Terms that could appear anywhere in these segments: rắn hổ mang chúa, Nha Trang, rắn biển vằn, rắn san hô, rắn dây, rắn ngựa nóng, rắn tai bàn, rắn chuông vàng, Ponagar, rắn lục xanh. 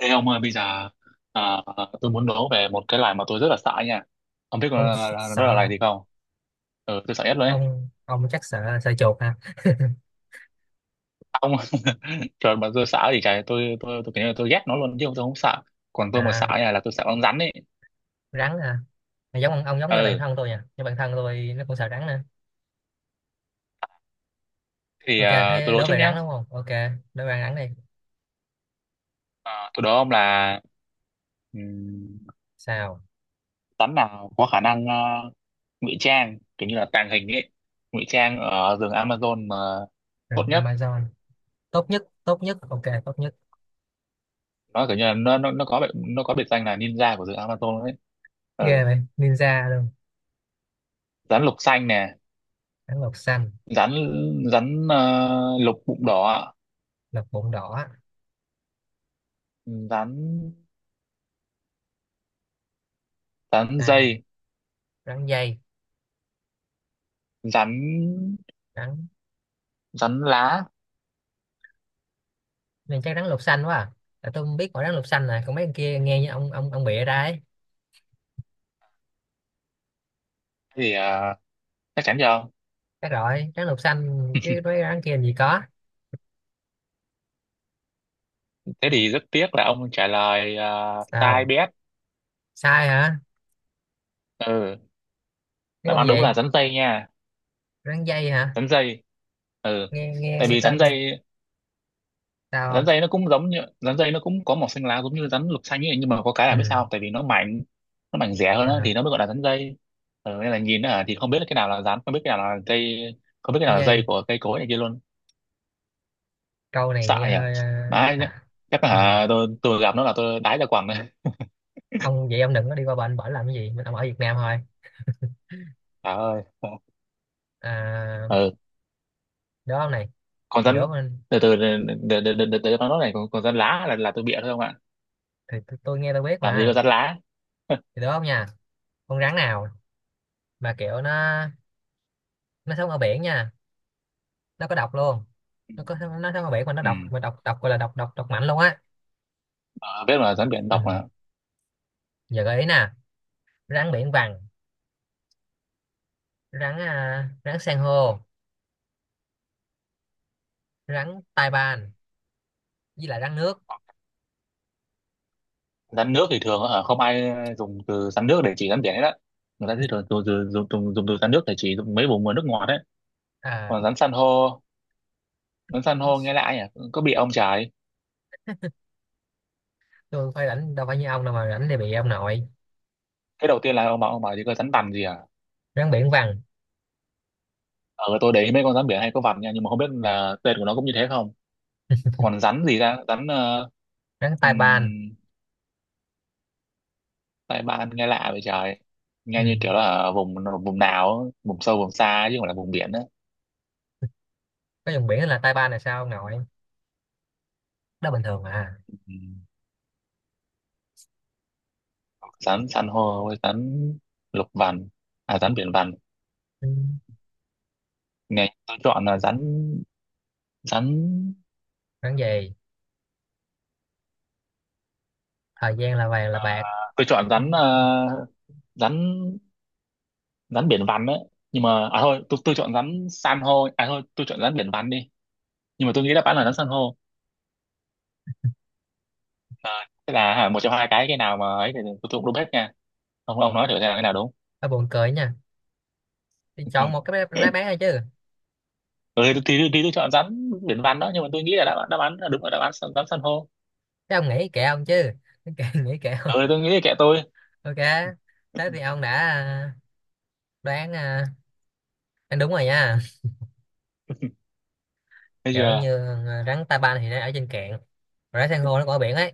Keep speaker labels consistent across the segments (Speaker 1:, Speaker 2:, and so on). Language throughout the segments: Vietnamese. Speaker 1: Thế ông ơi, bây giờ à, tôi muốn đố về một cái loài mà tôi rất là sợ nha. Ông biết con đó là
Speaker 2: Sợ?
Speaker 1: loài gì không? Ừ, tôi sợ nhất luôn đấy.
Speaker 2: Ông chắc sợ sợ chuột ha
Speaker 1: Ông trời mà tôi sợ thì trời tôi kiểu như là tôi ghét nó luôn chứ tôi không sợ. Còn tôi mà sợ
Speaker 2: À,
Speaker 1: nha là tôi sợ con rắn ấy.
Speaker 2: rắn hả? À, giống ông giống như bạn
Speaker 1: Ừ,
Speaker 2: thân tôi nha, như bạn thân tôi nó cũng sợ rắn nè.
Speaker 1: thì
Speaker 2: OK,
Speaker 1: tôi
Speaker 2: thế
Speaker 1: đố
Speaker 2: đối
Speaker 1: trước
Speaker 2: về rắn
Speaker 1: nhá.
Speaker 2: đúng không? OK, đối về rắn đi.
Speaker 1: Tôi đố ông là ừm,
Speaker 2: Sao?
Speaker 1: rắn nào có khả năng ngụy trang kiểu như là tàng hình ấy, ngụy trang ở rừng Amazon mà tốt
Speaker 2: Rừng
Speaker 1: nhất.
Speaker 2: Amazon? Tốt nhất? Tốt nhất, OK, tốt nhất.
Speaker 1: Nó kiểu như là nó có nó có biệt danh là ninja của rừng Amazon ấy. Ừ,
Speaker 2: Ghê vậy, ninja luôn.
Speaker 1: rắn lục xanh nè,
Speaker 2: Rắn lục xanh?
Speaker 1: rắn rắn ờ, lục bụng đỏ ạ.
Speaker 2: Lục bụng đỏ?
Speaker 1: Rắn Rắn
Speaker 2: Sao?
Speaker 1: dây.
Speaker 2: Rắn dây?
Speaker 1: Rắn
Speaker 2: Rắn?
Speaker 1: Rắn lá.
Speaker 2: Nên chắc rắn lục xanh quá à. Tại tôi không biết mỗi rắn lục xanh này, còn mấy con kia nghe như ông bịa ra ấy.
Speaker 1: Thì chắc chắn rồi.
Speaker 2: Chắc rồi, rắn lục xanh, chứ mấy rắn kia làm gì có.
Speaker 1: Thế thì rất tiếc là ông trả lời sai
Speaker 2: Sao?
Speaker 1: bét.
Speaker 2: Sai hả?
Speaker 1: Ừ,
Speaker 2: Cái
Speaker 1: đáp
Speaker 2: con
Speaker 1: án
Speaker 2: gì?
Speaker 1: đúng là rắn dây nha.
Speaker 2: Rắn dây hả?
Speaker 1: Rắn dây.
Speaker 2: nghe nghe
Speaker 1: Tại
Speaker 2: nghe
Speaker 1: vì rắn
Speaker 2: tên.
Speaker 1: dây,
Speaker 2: Sao
Speaker 1: rắn
Speaker 2: không?
Speaker 1: dây nó cũng giống như rắn dây, nó cũng có màu xanh lá giống như rắn lục xanh ấy, nhưng mà có cái
Speaker 2: Ừ.
Speaker 1: là biết sao không? Tại vì nó mảnh, nó mảnh rẻ hơn đó,
Speaker 2: À,
Speaker 1: thì nó mới gọi là rắn dây. Ừ, nên là nhìn nó thì không biết là cái nào là rắn, không biết cái nào là dây, không biết cái
Speaker 2: cái
Speaker 1: nào là dây
Speaker 2: dây.
Speaker 1: của cây cối này kia luôn.
Speaker 2: Câu này nghe
Speaker 1: Sại nhỉ?
Speaker 2: hơi
Speaker 1: Đấy nhá.
Speaker 2: à,
Speaker 1: Chắc là
Speaker 2: ừ.
Speaker 1: hả, tôi gặp nó là tôi đái ra quần đấy.
Speaker 2: Ông vậy ông đừng có đi qua bệnh bển làm cái gì, mình ông ở Việt Nam thôi.
Speaker 1: Trời ơi.
Speaker 2: À,
Speaker 1: Ừ.
Speaker 2: đó ông này.
Speaker 1: Còn
Speaker 2: Gì đó
Speaker 1: rắn,
Speaker 2: mình?
Speaker 1: từ từ để nó nói này, còn, còn rắn lá là tôi bịa thôi không ạ?
Speaker 2: Thì tôi nghe tôi biết
Speaker 1: Làm gì có
Speaker 2: mà.
Speaker 1: rắn lá.
Speaker 2: Thì đó ông nha, con rắn nào mà kiểu nó sống ở biển nha, nó có độc luôn,
Speaker 1: Ừ.
Speaker 2: nó có, nó sống ở biển mà nó
Speaker 1: Ừ.
Speaker 2: độc, mà độc độc gọi là độc độc độc mạnh luôn á.
Speaker 1: Ờ, biết mà rắn biển
Speaker 2: Ừ.
Speaker 1: độc mà.
Speaker 2: Giờ gợi ý nè: rắn biển vằn, rắn san hô, rắn tai ban, với lại rắn nước.
Speaker 1: Rắn nước thì thường ở, không ai dùng từ rắn nước để chỉ rắn biển hết á. Người ta thì thường dùng từ rắn nước để chỉ dùng mấy vùng mà nước ngọt đấy.
Speaker 2: À,
Speaker 1: Còn rắn san hô nghe lại nhỉ. Có bị ông trời.
Speaker 2: tôi phải rảnh đâu phải như ông đâu mà rảnh thì bị ông nội.
Speaker 1: Cái đầu tiên là ông bảo, ông bảo gì có rắn tằm gì à?
Speaker 2: Rắn biển vằn,
Speaker 1: Ờ, tôi để ý mấy con rắn biển hay có vằn nha, nhưng mà không biết là tên của nó cũng như thế không. Còn rắn gì ra
Speaker 2: rắn
Speaker 1: ừm,
Speaker 2: tai ban.
Speaker 1: tai ban nghe lạ vậy trời.
Speaker 2: Ừ.
Speaker 1: Nghe như kiểu là ở vùng vùng nào, vùng sâu vùng xa ấy, chứ không phải là vùng biển á.
Speaker 2: Có vùng biển là tai ban là sao ông nội? Đó bình thường à.
Speaker 1: Ừm, Rắn san hô với rắn lục vằn à, rắn biển vằn.
Speaker 2: Ừ.
Speaker 1: Nghe tôi chọn là rắn rắn
Speaker 2: Rắn gì? Thời gian là vàng là
Speaker 1: à,
Speaker 2: bạc.
Speaker 1: tôi chọn rắn à, rắn rắn biển vằn đấy. Nhưng mà à thôi, tôi chọn rắn san hô. À thôi, tôi chọn rắn biển vằn đi, nhưng mà tôi nghĩ đáp án là rắn san hô. Ờ, thế là hả, một trong hai cái nào mà ấy thì tôi cũng đúng hết nha. Ông nói thử xem là cái nào đúng.
Speaker 2: Ba buồn cười nha, thì chọn một cái đáp án thôi chứ.
Speaker 1: Ừ, thì tôi chọn rắn biển vằn đó, nhưng mà tôi nghĩ là đáp án là đúng là đáp án rắn rắn san hô.
Speaker 2: Chứ ông nghĩ kệ ông chứ, kệ, nghĩ kệ ông.
Speaker 1: Ừ, tôi nghĩ là kệ tôi.
Speaker 2: OK, thế thì ông đã đoán, đoán đúng rồi nha.
Speaker 1: Thấy
Speaker 2: Kiểu
Speaker 1: chưa.
Speaker 2: như à, rắn tai ban thì nó ở trên cạn rồi, rắn san hô nó có ở biển ấy,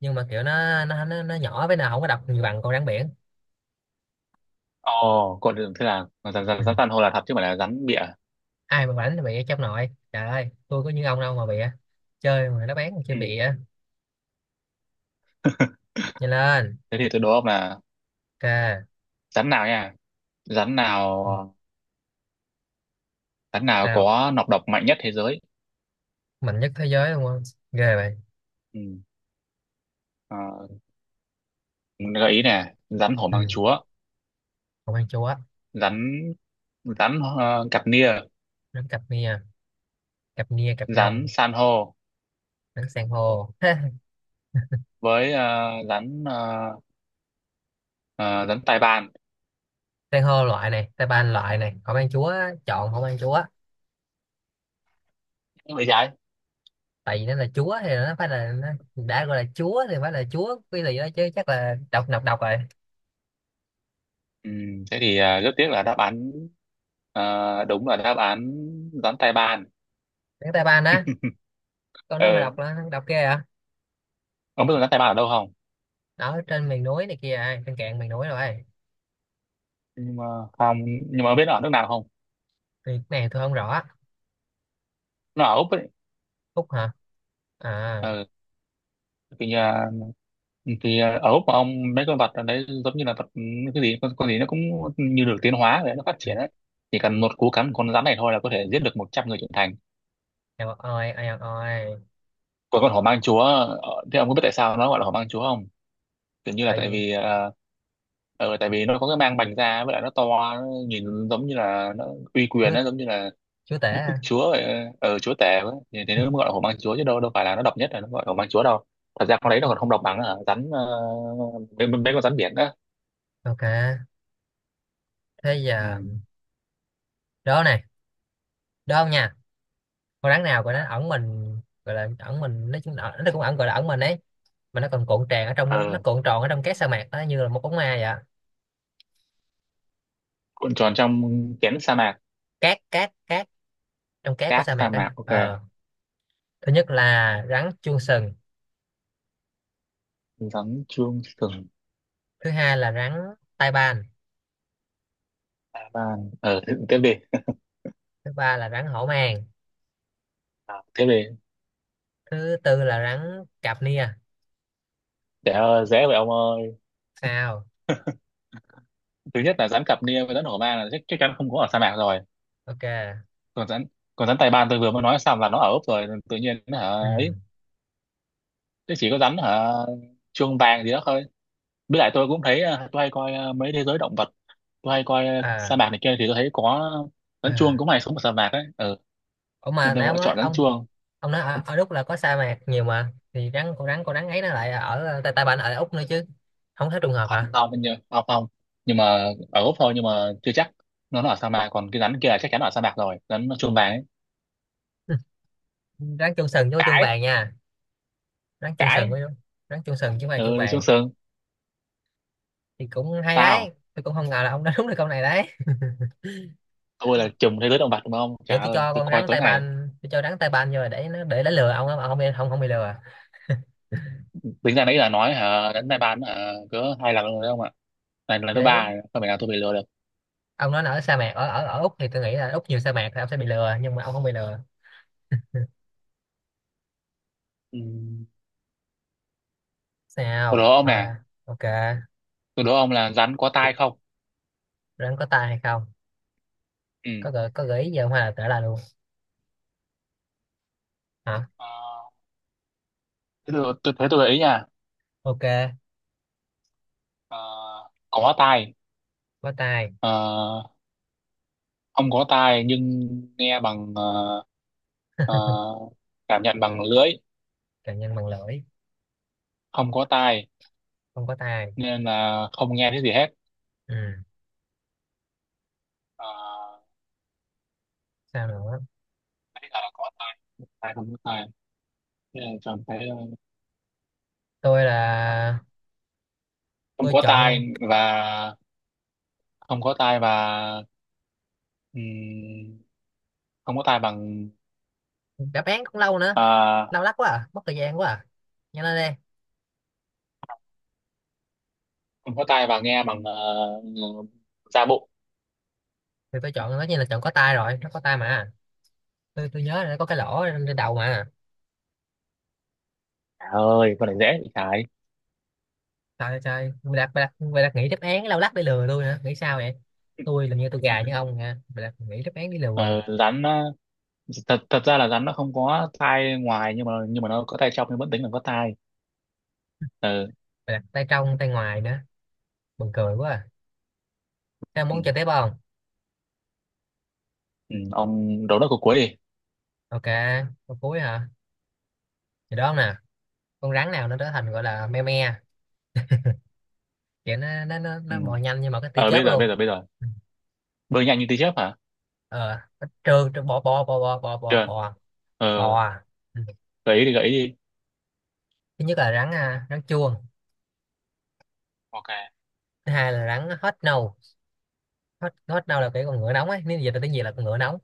Speaker 2: nhưng mà kiểu nó nhỏ với nào không có độc như bằng con rắn biển.
Speaker 1: Ồ, còn thế là rắn rắn
Speaker 2: Ừ.
Speaker 1: rắn san hô là thật chứ không phải là rắn bịa.
Speaker 2: Ai mà bảnh là bịa trong nội, trời ơi tôi có như ông đâu mà bịa. Chơi mà nó bán mà chơi
Speaker 1: Ừ.
Speaker 2: bịa nhanh lên.
Speaker 1: Thế thì tôi đố ông là
Speaker 2: OK.
Speaker 1: rắn nào nha, rắn nào rắn nào
Speaker 2: Tao
Speaker 1: có nọc độc mạnh nhất thế giới.
Speaker 2: mạnh nhất thế giới đúng không? Ghê vậy.
Speaker 1: Ừ. Ờ, gợi ý nè, rắn hổ
Speaker 2: Ừ.
Speaker 1: mang chúa,
Speaker 2: Không ăn chúa.
Speaker 1: rắn rắn cặp nia,
Speaker 2: Đánh cặp nia. Cặp nia, cặp
Speaker 1: rắn
Speaker 2: nông.
Speaker 1: san hô,
Speaker 2: Đánh san hô.
Speaker 1: với rắn tai bàn.
Speaker 2: San hô loại này, tay ban loại này, không ăn chúa. Chọn không ăn chúa.
Speaker 1: Vậy trái.
Speaker 2: Tại vì nó là chúa thì nó phải là nó, đã gọi là chúa thì phải là chúa cái gì đó chứ, chắc là độc, nọc độc rồi.
Speaker 1: Ừ, thế thì rất tiếc là đáp án đúng là đáp án rắn tai bàn.
Speaker 2: Đánh tay ban á. Con nó mà
Speaker 1: Ờ,
Speaker 2: độc là độc ghê à.
Speaker 1: ông biết rắn tai bàn ở đâu không?
Speaker 2: Đó trên miền núi này kia à, trên cạn miền núi rồi.
Speaker 1: Nhưng mà không, nhưng mà ông biết nó ở nước nào không?
Speaker 2: Thì cái này tôi không rõ.
Speaker 1: Nó ở Úc ấy.
Speaker 2: Phúc hả? À.
Speaker 1: Ờ, thì ở Úc mà ông, mấy con vật ở đấy giống như là vật ừ, cái gì, con gì nó cũng như được tiến hóa để nó phát triển đấy. Chỉ cần một cú cắn của con rắn này thôi là có thể giết được 100 người trưởng thành.
Speaker 2: Eo oi, eo oi.
Speaker 1: Còn con hổ mang chúa, ờ, thế ông có biết tại sao nó gọi là hổ mang chúa không? Kiểu như là
Speaker 2: Phải
Speaker 1: tại
Speaker 2: gì?
Speaker 1: vì tại vì nó có cái mang bành ra, với lại nó to, nó nhìn giống như là nó uy quyền,
Speaker 2: Chúa?
Speaker 1: nó giống như là
Speaker 2: Chúa tể
Speaker 1: đức đức
Speaker 2: hả?
Speaker 1: chúa vậy. Ờ, chúa tể vậy thì nó mới gọi là hổ mang chúa chứ đâu, phải là nó độc nhất là nó gọi là hổ mang chúa đâu. Thật ra con đấy nó còn không độc bằng là mấy con rắn biển đó.
Speaker 2: OK, thế
Speaker 1: Ừ.
Speaker 2: giờ đó này, đó không nha, con rắn nào gọi nó ẩn mình, gọi là ẩn mình, nó cũng ẩn, gọi là ẩn mình ấy, mà nó còn cuộn tràn ở trong, nó
Speaker 1: Ờ,
Speaker 2: cuộn tròn ở trong cát sa mạc đó như là một bóng ma vậy ạ.
Speaker 1: cuộn tròn trong kén sa mạc,
Speaker 2: Cát cát Cát, trong cát của
Speaker 1: cát
Speaker 2: sa mạc
Speaker 1: sa mạc,
Speaker 2: á.
Speaker 1: ok.
Speaker 2: Ờ, thứ nhất là rắn chuông sừng,
Speaker 1: Rắn chuông sừng.
Speaker 2: thứ hai là rắn tai ban,
Speaker 1: Sa ban ờ thế- Tiếp đi.
Speaker 2: thứ ba là rắn hổ mang,
Speaker 1: Ờ, tiếp đi.
Speaker 2: thứ tư là rắn cạp nia.
Speaker 1: Để dễ vậy ông ơi.
Speaker 2: Sao?
Speaker 1: Thứ nhất là rắn cặp nia với rắn hổ mang là chắc chắn không có ở sa mạc rồi.
Speaker 2: OK.
Speaker 1: còn rắn Còn rắn Tài Ban tôi vừa mới nói xong là nó ở Úc rồi, tự nhiên nó hả.
Speaker 2: Ừ.
Speaker 1: Ấy, nó chỉ có rắn hả, chuông vàng gì đó thôi. Với lại tôi cũng thấy tôi hay coi mấy thế giới động vật, tôi hay coi sa
Speaker 2: À.
Speaker 1: mạc này kia thì tôi thấy có rắn chuông
Speaker 2: À.
Speaker 1: cũng hay sống ở sa mạc ấy. Ừ.
Speaker 2: Ủa mà
Speaker 1: Nên tôi
Speaker 2: nãy ông
Speaker 1: gọi
Speaker 2: nói
Speaker 1: chọn rắn
Speaker 2: ông
Speaker 1: chuông.
Speaker 2: ông nói ở, ở Đức là có sa mạc nhiều mà, thì rắn, con rắn, con rắn ấy nó lại ở tại, tại bạn ở Úc nữa chứ, không thấy trùng hợp hả?
Speaker 1: Không không nhưng không không nhưng mà ở Úc thôi, nhưng mà chưa chắc nó ở sa mạc. Còn cái rắn kia là chắc chắn ở sa mạc rồi, rắn chuông vàng ấy.
Speaker 2: Rắn chuông sừng với chuông
Speaker 1: Cãi,
Speaker 2: vàng nha. Rắn chuông sừng với,
Speaker 1: cãi.
Speaker 2: rắn chuông sừng chứ không phải chuông
Speaker 1: Ừ, đi xuống
Speaker 2: vàng.
Speaker 1: sương.
Speaker 2: Thì cũng hay đấy,
Speaker 1: Sao,
Speaker 2: tôi cũng không ngờ là ông đã đúng được câu này đấy.
Speaker 1: tôi là trùm thế giới động vật đúng không, trời
Speaker 2: Kiểu tôi
Speaker 1: ơi
Speaker 2: cho
Speaker 1: tôi
Speaker 2: con
Speaker 1: coi
Speaker 2: rắn
Speaker 1: tối
Speaker 2: tay
Speaker 1: ngày.
Speaker 2: ban, vô là để nó lừa ông á, mà không bị, không không bị lừa.
Speaker 1: Tính ra nãy giờ nói hả, đến nay bán hả cỡ hai lần rồi đấy ông ạ. Này là lần
Speaker 2: Thì
Speaker 1: thứ
Speaker 2: đấy,
Speaker 1: ba rồi, không phải nào tôi bị lừa được.
Speaker 2: ông nói là ở sa mạc ở ở ở Úc thì tôi nghĩ là Úc nhiều sa mạc thì ông sẽ bị lừa, nhưng mà ông không bị lừa.
Speaker 1: Ừ. Tôi
Speaker 2: Sao
Speaker 1: đố ông
Speaker 2: mau
Speaker 1: nè,
Speaker 2: ra. OK.
Speaker 1: tôi đố ông là rắn có tai không?
Speaker 2: Rắn có tai hay không?
Speaker 1: Ừ.
Speaker 2: Có gợi ý gì không hay là tả là luôn? Hả?
Speaker 1: Ờ, thế tôi thế tôi gợi ý nha.
Speaker 2: OK.
Speaker 1: Ờ, có tai.
Speaker 2: Có tai.
Speaker 1: Ờ, không có tai nhưng nghe bằng ờ, cảm nhận bằng lưỡi.
Speaker 2: Càng nhân bằng lưỡi.
Speaker 1: Không có tai
Speaker 2: Không có tai.
Speaker 1: nên là không nghe thấy gì hết.
Speaker 2: Ừ.
Speaker 1: Ờ,
Speaker 2: Sao nữa?
Speaker 1: nãy giờ là có tai, không có tai. Thế là chọn cái,
Speaker 2: tôi là
Speaker 1: không
Speaker 2: tôi
Speaker 1: có tai
Speaker 2: chọn.
Speaker 1: và không có tai và Ừm, không có tai bằng
Speaker 2: Đáp án cũng lâu nữa.
Speaker 1: à,
Speaker 2: Lâu lắc quá à, mất thời gian quá à, nhanh lên đi.
Speaker 1: không có tai và nghe bằng da bụng.
Speaker 2: Thì tôi chọn, tất nhiên là chọn có tai rồi, nó có tai mà. Tôi nhớ là nó có cái lỗ trên đầu mà.
Speaker 1: Trời ơi con này dễ bị cái.
Speaker 2: Trời trời Mày đặt nghĩ đáp án lâu lắc để lừa tôi hả, nghĩ sao vậy? Tôi làm như tôi gà như ông nha, mày đặt nghĩ đáp án để lừa.
Speaker 1: Ờ, rắn ờ, thật thật ra là rắn nó không có tai ngoài, nhưng mà nó có tai trong, nhưng vẫn tính là có tai. Ờ,
Speaker 2: Mày đặt tay trong tay ngoài nữa, buồn cười quá à. Thế
Speaker 1: ừ,
Speaker 2: món chơi tiếp không?
Speaker 1: ừ, ông đố nó cuối cuối đi.
Speaker 2: OK, câu cuối hả? Thì đó nè, con rắn nào nó trở thành gọi là me me, kiểu nó nó nó,
Speaker 1: Ừ.
Speaker 2: nó bò nhanh nhưng mà cái tia
Speaker 1: Ờ,
Speaker 2: chớp luôn.
Speaker 1: bây giờ
Speaker 2: Ừ.
Speaker 1: bơi nhanh như tia chớp hả.
Speaker 2: Ờ nó trơn trơn, bò bò bò bò bò bò
Speaker 1: Trường.
Speaker 2: bò
Speaker 1: Ờ,
Speaker 2: bò. Ừ.
Speaker 1: gợi ý đi.
Speaker 2: Thứ nhất là rắn chuông.
Speaker 1: Ok.
Speaker 2: Thứ hai là rắn hết nâu, hết hết nâu là cái con ngựa nóng ấy, nếu dịch ra tiếng Việt là con ngựa nóng.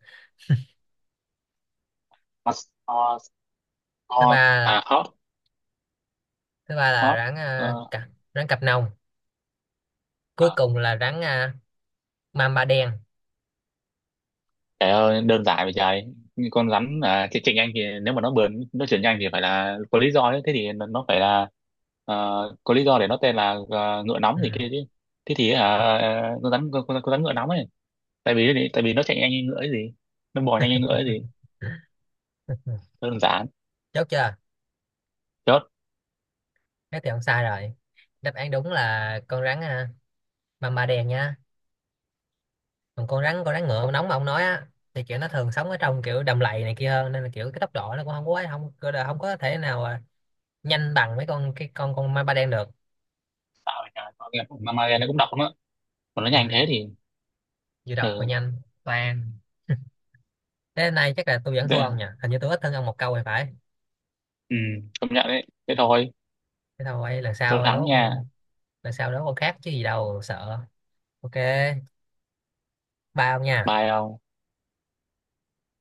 Speaker 1: Hot, hot
Speaker 2: Thứ
Speaker 1: hot
Speaker 2: ba,
Speaker 1: à, hot
Speaker 2: thứ ba là
Speaker 1: hot. Ờ,
Speaker 2: cặp, rắn cặp nòng. Cuối
Speaker 1: à.
Speaker 2: cùng là mamba đen.
Speaker 1: Trời ơi, đơn giản vậy trời. Như con rắn à, chị Trịnh Anh, thì nếu mà nó bườn nó chuyển nhanh thì phải là có lý do ấy. Thế thì nó phải là ờ, có lý do để nó tên là ngựa
Speaker 2: Ừ.
Speaker 1: nóng gì kia chứ. Thế thì con rắn con rắn ngựa nóng ấy. Tại vì nó chạy nhanh như ngựa ấy gì. Nó bò nhanh như ngựa ấy gì. Đơn giản.
Speaker 2: Chốt chưa?
Speaker 1: Chốt.
Speaker 2: Thế thì không sai rồi. Đáp án đúng là con mamba đen nha. Còn con rắn, con rắn ngựa nóng mà ông nói á, thì kiểu nó thường sống ở trong kiểu đầm lầy này kia hơn, nên là kiểu cái tốc độ nó cũng không có, không không có thể nào nhanh bằng mấy con, cái con ma ba đen được.
Speaker 1: Sao vậy trời. Mà nghe nó cũng đọc lắm á. Còn nó
Speaker 2: Ừ.
Speaker 1: nhanh thế thì
Speaker 2: Vừa đọc vừa
Speaker 1: ừ,
Speaker 2: nhanh toàn. Thế hôm nay chắc là tôi vẫn thua
Speaker 1: dễ.
Speaker 2: ông nhỉ, hình như tôi ít hơn ông 1 câu thì phải.
Speaker 1: Ừ, công nhận đấy. Thế thôi.
Speaker 2: Thế thôi, lần
Speaker 1: Tôi
Speaker 2: sau
Speaker 1: thắng
Speaker 2: đó
Speaker 1: nha.
Speaker 2: con, lần sau đó con khác chứ gì đâu sợ. OK, ba ông nha.
Speaker 1: Bye không?